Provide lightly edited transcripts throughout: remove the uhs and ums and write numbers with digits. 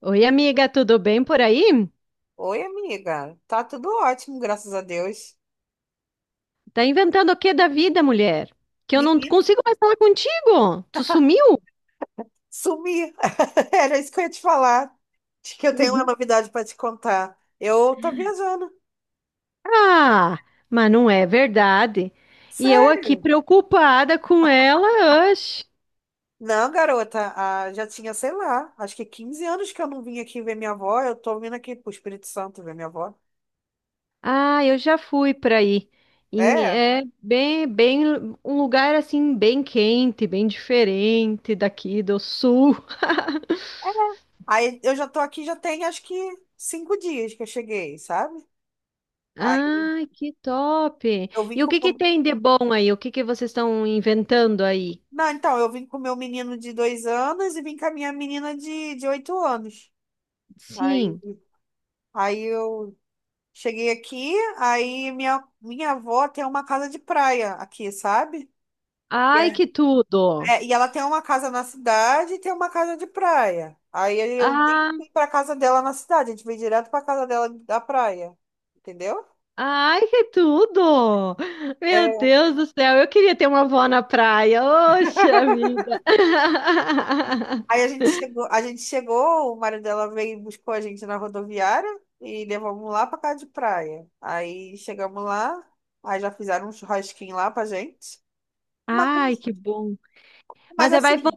Oi, amiga, tudo bem por aí? Oi, amiga. Tá tudo ótimo, graças a Deus. Tá inventando o que da vida, mulher? Que eu não Menina, consigo mais falar contigo. Tu sumiu? sumi. Era isso que eu ia te falar. Acho que eu tenho uma Uhum. novidade para te contar. Eu tô viajando. Ah, mas não é verdade. E eu aqui Sério? preocupada com ela, oxe. Não, garota. Já tinha, sei lá, acho que 15 anos que eu não vim aqui ver minha avó. Eu tô vindo aqui pro Espírito Santo ver minha avó. Ah, eu já fui para aí. É. É bem, um lugar assim bem quente, bem diferente daqui do sul. Aí eu já tô aqui, já tem acho que 5 dias que eu cheguei, sabe? Aí Ai, que top! eu vim E o que que com. tem de bom aí? O que que vocês estão inventando aí? Não, então, eu vim com meu menino de 2 anos e vim com a minha menina de 8 anos. Aí, Sim. aí, eu cheguei aqui, aí minha avó tem uma casa de praia aqui, sabe? Ai, Yeah. que tudo! É, e ela tem uma casa na cidade e tem uma casa de praia. Aí eu Ah, nem fui pra casa dela na cidade, a gente veio direto pra casa dela da praia. Entendeu? ai, que tudo! Meu Deus do céu, eu queria ter uma avó na praia. Oxa vida! Aí a gente chegou, A gente chegou, o marido dela veio e buscou a gente na rodoviária e levamos lá pra casa de praia. Aí chegamos lá, aí já fizeram um churrasquinho lá pra gente. Mas, Ai, que bom! mas Mas aí assim,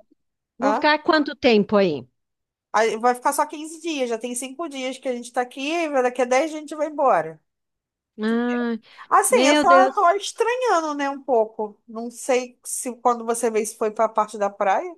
vão hã? ficar quanto tempo aí? Aí vai ficar só 15 dias, já tem cinco dias que a gente tá aqui, daqui a 10 a gente vai embora. Ah, Assim, eu meu só tô Deus! estranhando, né, um pouco. Não sei se quando você vê se foi pra parte da praia.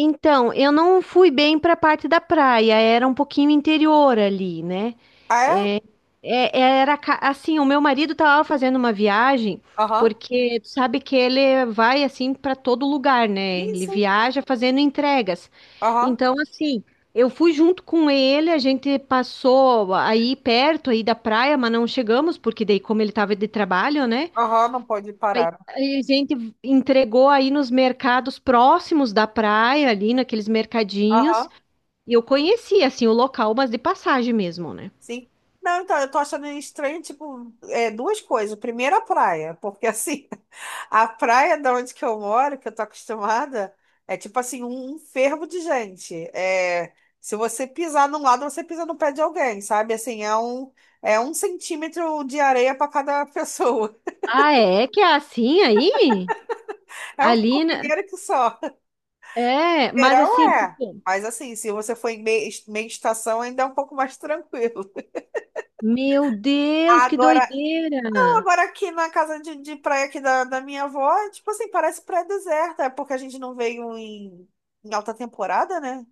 Então, eu não fui bem para a parte da praia, era um pouquinho interior ali, né? Ah, é? É, assim, o meu marido estava fazendo uma viagem, Aham. porque tu sabe que ele vai assim para todo lugar, né? Sim, Ele sim. viaja fazendo entregas. Aham. Então, assim, eu fui junto com ele, a gente passou aí perto aí da praia, mas não chegamos, porque daí como ele estava de trabalho, né? Aham, não pode Aí parar. aí a gente entregou aí nos mercados próximos da praia, ali naqueles mercadinhos. Aham. E eu conhecia assim o local, mas de passagem mesmo, né? Sim. Não, então, eu tô achando estranho, tipo, duas coisas. Primeiro, a praia, porque assim, a praia da onde que eu moro, que eu tô acostumada, é tipo assim, um fervo de gente. É, se você pisar num lado, você pisa no pé de alguém, sabe? Assim, é um centímetro de areia para cada pessoa. Ah, é que é assim aí? É um Ali, né? formigueiro que só. É, mas Verão assim, é. tipo, Mas assim, se você for em meia estação, ainda é um pouco mais tranquilo. meu Deus, que Agora, doideira! Agora, aqui na casa de, praia aqui da minha avó, é tipo assim, parece praia deserta, é porque a gente não veio em alta temporada, né?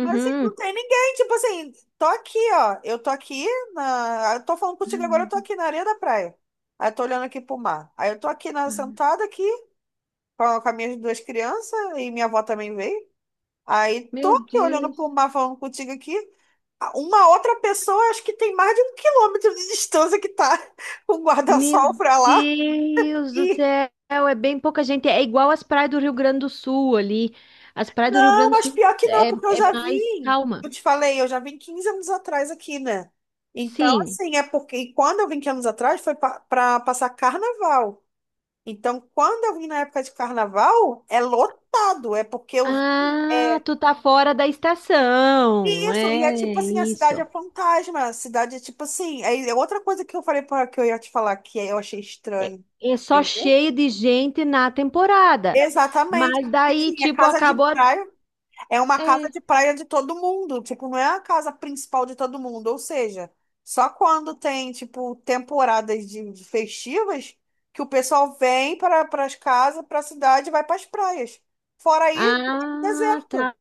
Mas assim, não tem ninguém, tipo assim, tô aqui, ó, eu tô aqui eu tô falando contigo agora, eu tô aqui na areia da praia. Aí eu tô olhando aqui pro mar. Aí eu tô aqui na Ai, sentada aqui com as minhas duas crianças e minha avó também veio. Aí tô meu aqui olhando pro Deus. mar falando contigo aqui. Ah, uma outra pessoa, acho que tem mais de 1 km de distância que tá com o Meu guarda-sol Deus, pra lá. meu Deus do E céu, é bem pouca gente. É igual as praias do Rio Grande do Sul ali. As praias do Rio Não, Grande do mas Sul pior que não, porque eu é já mais vim. calma. Eu te falei, eu já vim 15 anos atrás aqui, né? Então, Sim. assim, é porque e quando eu vim 15 anos atrás foi para passar carnaval. Então, quando eu vim na época de carnaval, é lotado, é porque eu vim. Ah, É tu tá fora da estação. isso, e é É tipo assim, a cidade é isso. fantasma, a cidade é tipo assim. É outra coisa que eu falei para que eu ia te falar que eu achei É, estranho. é só Entendeu? cheio de gente na temporada. Exatamente. Mas Porque, daí, assim, é tipo, casa de acabou. Praia. É uma casa É. de praia de todo mundo, tipo, não é a casa principal de todo mundo, ou seja, só quando tem, tipo, temporadas de festivas que o pessoal vem para as casas, para a cidade e vai para as praias. Fora isso, é Ah, deserto. tá.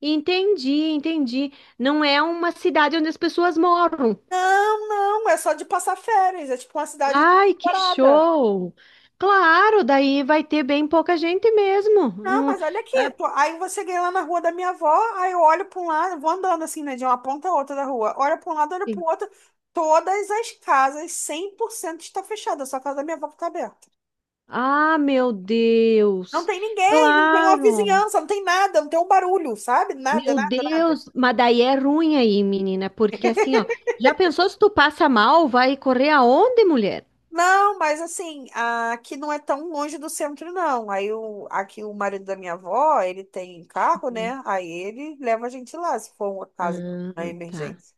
Entendi, entendi. Não é uma cidade onde as pessoas moram. Não, não, é só de passar férias, é tipo uma cidade de Ai, que temporada. show! Claro, daí vai ter bem pouca gente mesmo. Não, Não... mas olha aqui, aí você cheguei lá na rua da minha avó, aí eu olho para um lado, vou andando assim, né, de uma ponta a outra da rua, olho para um lado, olho para o outro, todas as casas, 100% está fechada, só a casa da minha avó que está aberta. Ah, meu Não Deus! tem ninguém, não tem uma Claro! vizinhança, não tem nada, não tem um barulho, sabe? Nada, Meu nada, nada. Deus, mas daí é ruim aí, menina, porque assim, ó, já pensou se tu passa mal, vai correr aonde, mulher? Não, mas assim, aqui não é tão longe do centro, não. Aí aqui o marido da minha avó, ele tem carro, Uhum. né? Aí ele leva a gente lá, se for uma casa na Ah, tá. emergência.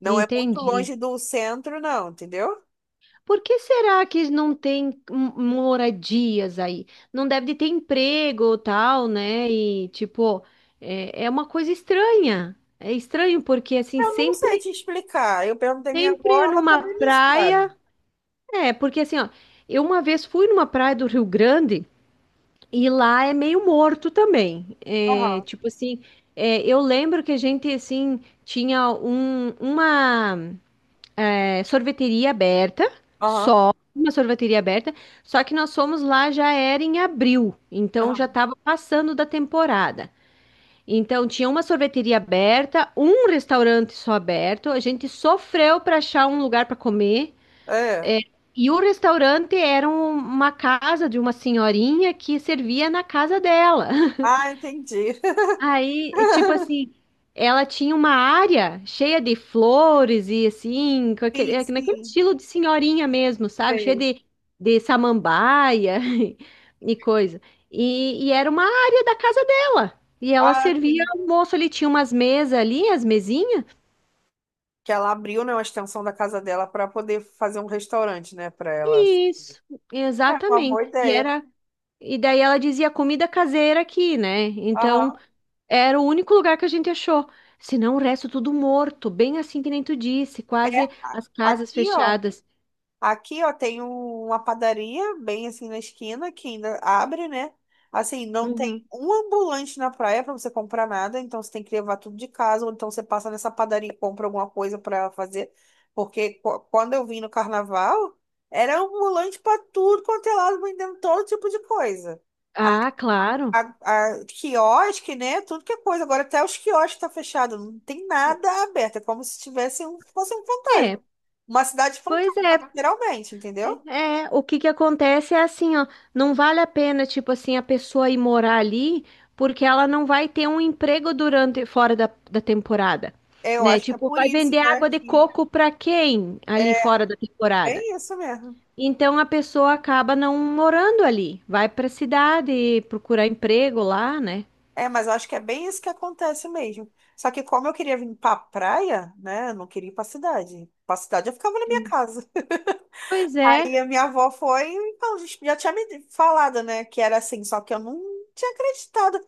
Não é muito longe Entendi. do centro, não, entendeu? Por que será que não tem moradias aí? Não deve de ter emprego ou tal, né? E, tipo, é uma coisa estranha. É estranho porque, assim, Eu não sei sempre, te explicar. Eu perguntei à minha avó, sempre ela numa também não praia. sabe. É, porque, assim, ó, eu uma vez fui numa praia do Rio Grande. E lá é meio morto também. É, Aham, tipo assim, é, eu lembro que a gente assim tinha uma sorveteria aberta, aham, só uma sorveteria aberta, só que nós fomos lá já era em abril, então já aham. estava passando da temporada. Então tinha uma sorveteria aberta, um restaurante só aberto. A gente sofreu para achar um lugar para comer. É. É, e o restaurante era uma casa de uma senhorinha que servia na casa dela. Ah, entendi. Aí, é tipo assim, ela tinha uma área cheia de flores e assim, com aquele, Sim, é, naquele sim, estilo de senhorinha mesmo, sabe? Cheia sei. De samambaia e coisa. E era uma área da casa dela. E ela Ah, servia sim. almoço ali, tinha umas mesas ali, as mesinhas. Que ela abriu, né, uma extensão da casa dela para poder fazer um restaurante, né, para ela. Isso, É uma boa exatamente. E ideia. era. E daí ela dizia comida caseira aqui, né? Então Aham. era o único lugar que a gente achou. Senão o resto tudo morto, bem assim que nem tu disse, É. quase as casas Aqui, ó. fechadas. Aqui, ó, tem uma padaria bem assim na esquina que ainda abre, né? Assim, não tem Uhum. um ambulante na praia para você comprar nada, então você tem que levar tudo de casa, ou então você passa nessa padaria e compra alguma coisa para fazer. Porque quando eu vim no carnaval, era ambulante para tudo quanto é lado, vendendo todo tipo de coisa Ah, claro. a, a quiosque, né? Tudo que é coisa. Agora até os quiosques tá fechado, não tem nada aberto. É como se fosse um É, fantasma. Uma cidade pois fantasma, é. literalmente, entendeu? É, o que que acontece é assim, ó, não vale a pena, tipo assim, a pessoa ir morar ali, porque ela não vai ter um emprego durante, fora da temporada, Eu né? acho que é Tipo, por vai isso, vender né, água de que coco pra quem ali é fora da temporada? bem isso mesmo. Então a pessoa acaba não morando ali, vai para a cidade procurar emprego lá, né? É, mas eu acho que é bem isso que acontece mesmo. Só que como eu queria vir pra praia, né, eu não queria ir pra cidade. Pra cidade eu ficava na minha casa. Pois é, Aí a minha avó foi, então, já tinha me falado, né, que era assim, só que eu não tinha acreditado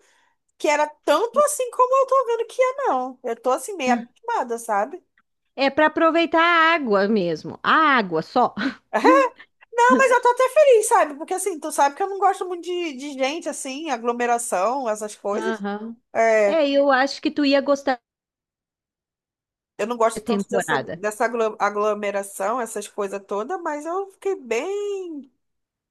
que era tanto assim como eu tô vendo que é, não. Eu tô assim, meio abismada, sabe? é para aproveitar a água mesmo, a água só. Ah, mas eu tô até feliz, sabe? Porque assim, tu sabe que eu não gosto muito de, gente, assim, aglomeração, essas coisas. Aham, É, é, eu acho que tu ia gostar eu não da gosto tanto dessa, temporada. dessa aglomeração, essas coisas todas, mas eu fiquei bem.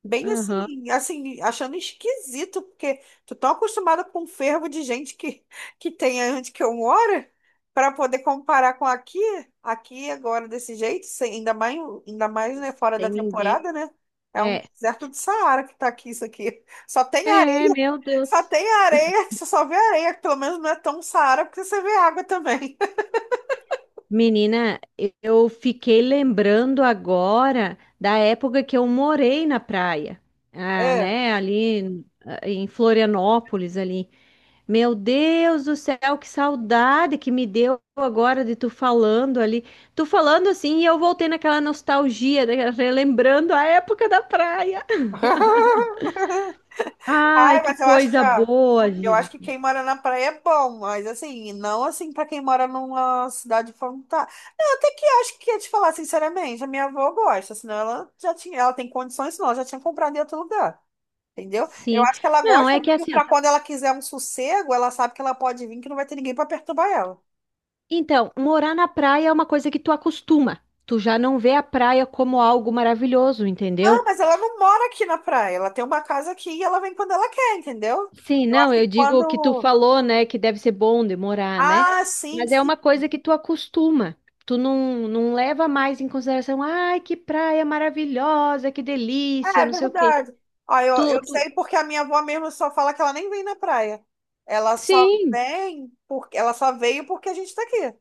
Bem Aham. assim, achando esquisito, porque tu tá acostumada com um fervo de gente que, que tem onde que eu moro, para poder comparar com aqui, aqui agora desse jeito, ainda mais, né, fora da Sem ninguém. temporada, né? É um É, deserto do Saara que tá aqui, isso aqui. É, meu Só Deus. tem areia, você só vê areia, pelo menos não é tão Saara, porque você vê água também. Menina, eu fiquei lembrando agora da época que eu morei na praia, ah, É. né, ali em em Florianópolis ali. Meu Deus do céu, que saudade que me deu agora de tu falando ali. Tu falando assim e eu voltei naquela nostalgia, né, relembrando a época da praia. Ai, Ai, que mas eu acho que, coisa ó, boa, eu acho gente. que quem mora na praia é bom, mas assim, não assim pra quem mora numa cidade fantástica. Não, até que acho que ia te falar sinceramente, a minha avó gosta, senão ela já tinha, ela tem condições, senão ela já tinha comprado em outro lugar, entendeu? Eu Sim. acho que ela Não, gosta é que mesmo assim, ó, pra quando ela quiser um sossego, ela sabe que ela pode vir, que não vai ter ninguém pra perturbar ela. então, morar na praia é uma coisa que tu acostuma. Tu já não vê a praia como algo maravilhoso, Ah, entendeu? mas ela não mora aqui na praia, ela tem uma casa aqui e ela vem quando ela quer, entendeu? Sim, Eu acho não, que eu digo que tu quando. falou, né, que deve ser bom demorar, né? Ah, sim, Mas é sim. uma coisa que tu acostuma. Tu não, Não leva mais em consideração, ai, que praia maravilhosa, que delícia, É não sei o quê. verdade. Ó, eu, Tu, eu tu... sei porque a minha avó mesmo só fala que ela nem vem na praia. Ela só Sim, vem porque ela só veio porque a gente tá aqui.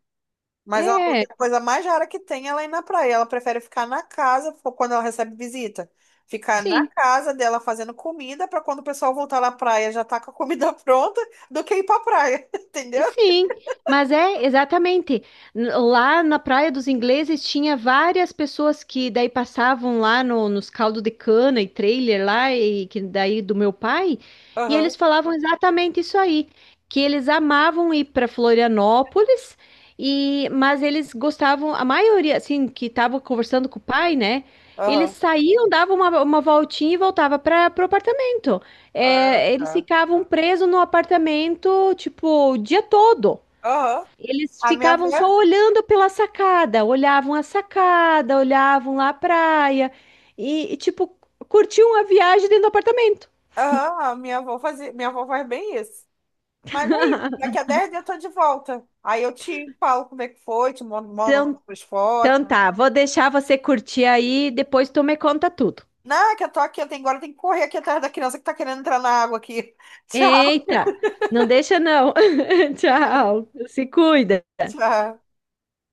Mas ela falou que é, a coisa mais rara que tem é ela ir na praia. Ela prefere ficar na casa quando ela recebe visita. Ficar na sim. casa dela fazendo comida para quando o pessoal voltar na praia já tá com a comida pronta do que ir pra praia, entendeu? Sim, mas é exatamente. Lá na Praia dos Ingleses tinha várias pessoas que daí passavam lá no, nos caldos de cana e trailer lá, e que daí do meu pai, e Aham, eles falavam exatamente isso aí, que eles amavam ir para Florianópolis, e mas eles gostavam, a maioria, assim, que estava conversando com o pai, né? Eles aham. saíam, davam uma voltinha e voltava para o apartamento. Ah, É, eles tá. ficavam presos no apartamento, tipo, o dia todo. Aham. Eles A minha avó, ficavam é só assim. olhando pela sacada, olhavam a sacada, olhavam lá a praia e, tipo, curtiam a viagem dentro do apartamento. Aham, a minha avó fazia, minha avó faz bem isso. Mas aí, daqui a 10 dias eu tô de volta. Aí eu te falo como é que foi, te mando Então, as fotos. então tá, vou deixar você curtir aí, depois tu me conta tudo. Não, é que eu tô aqui, agora eu tenho que correr aqui atrás da criança que tá querendo entrar na água aqui. Tchau, Eita, não deixa não. Tchau, se cuida. tchau.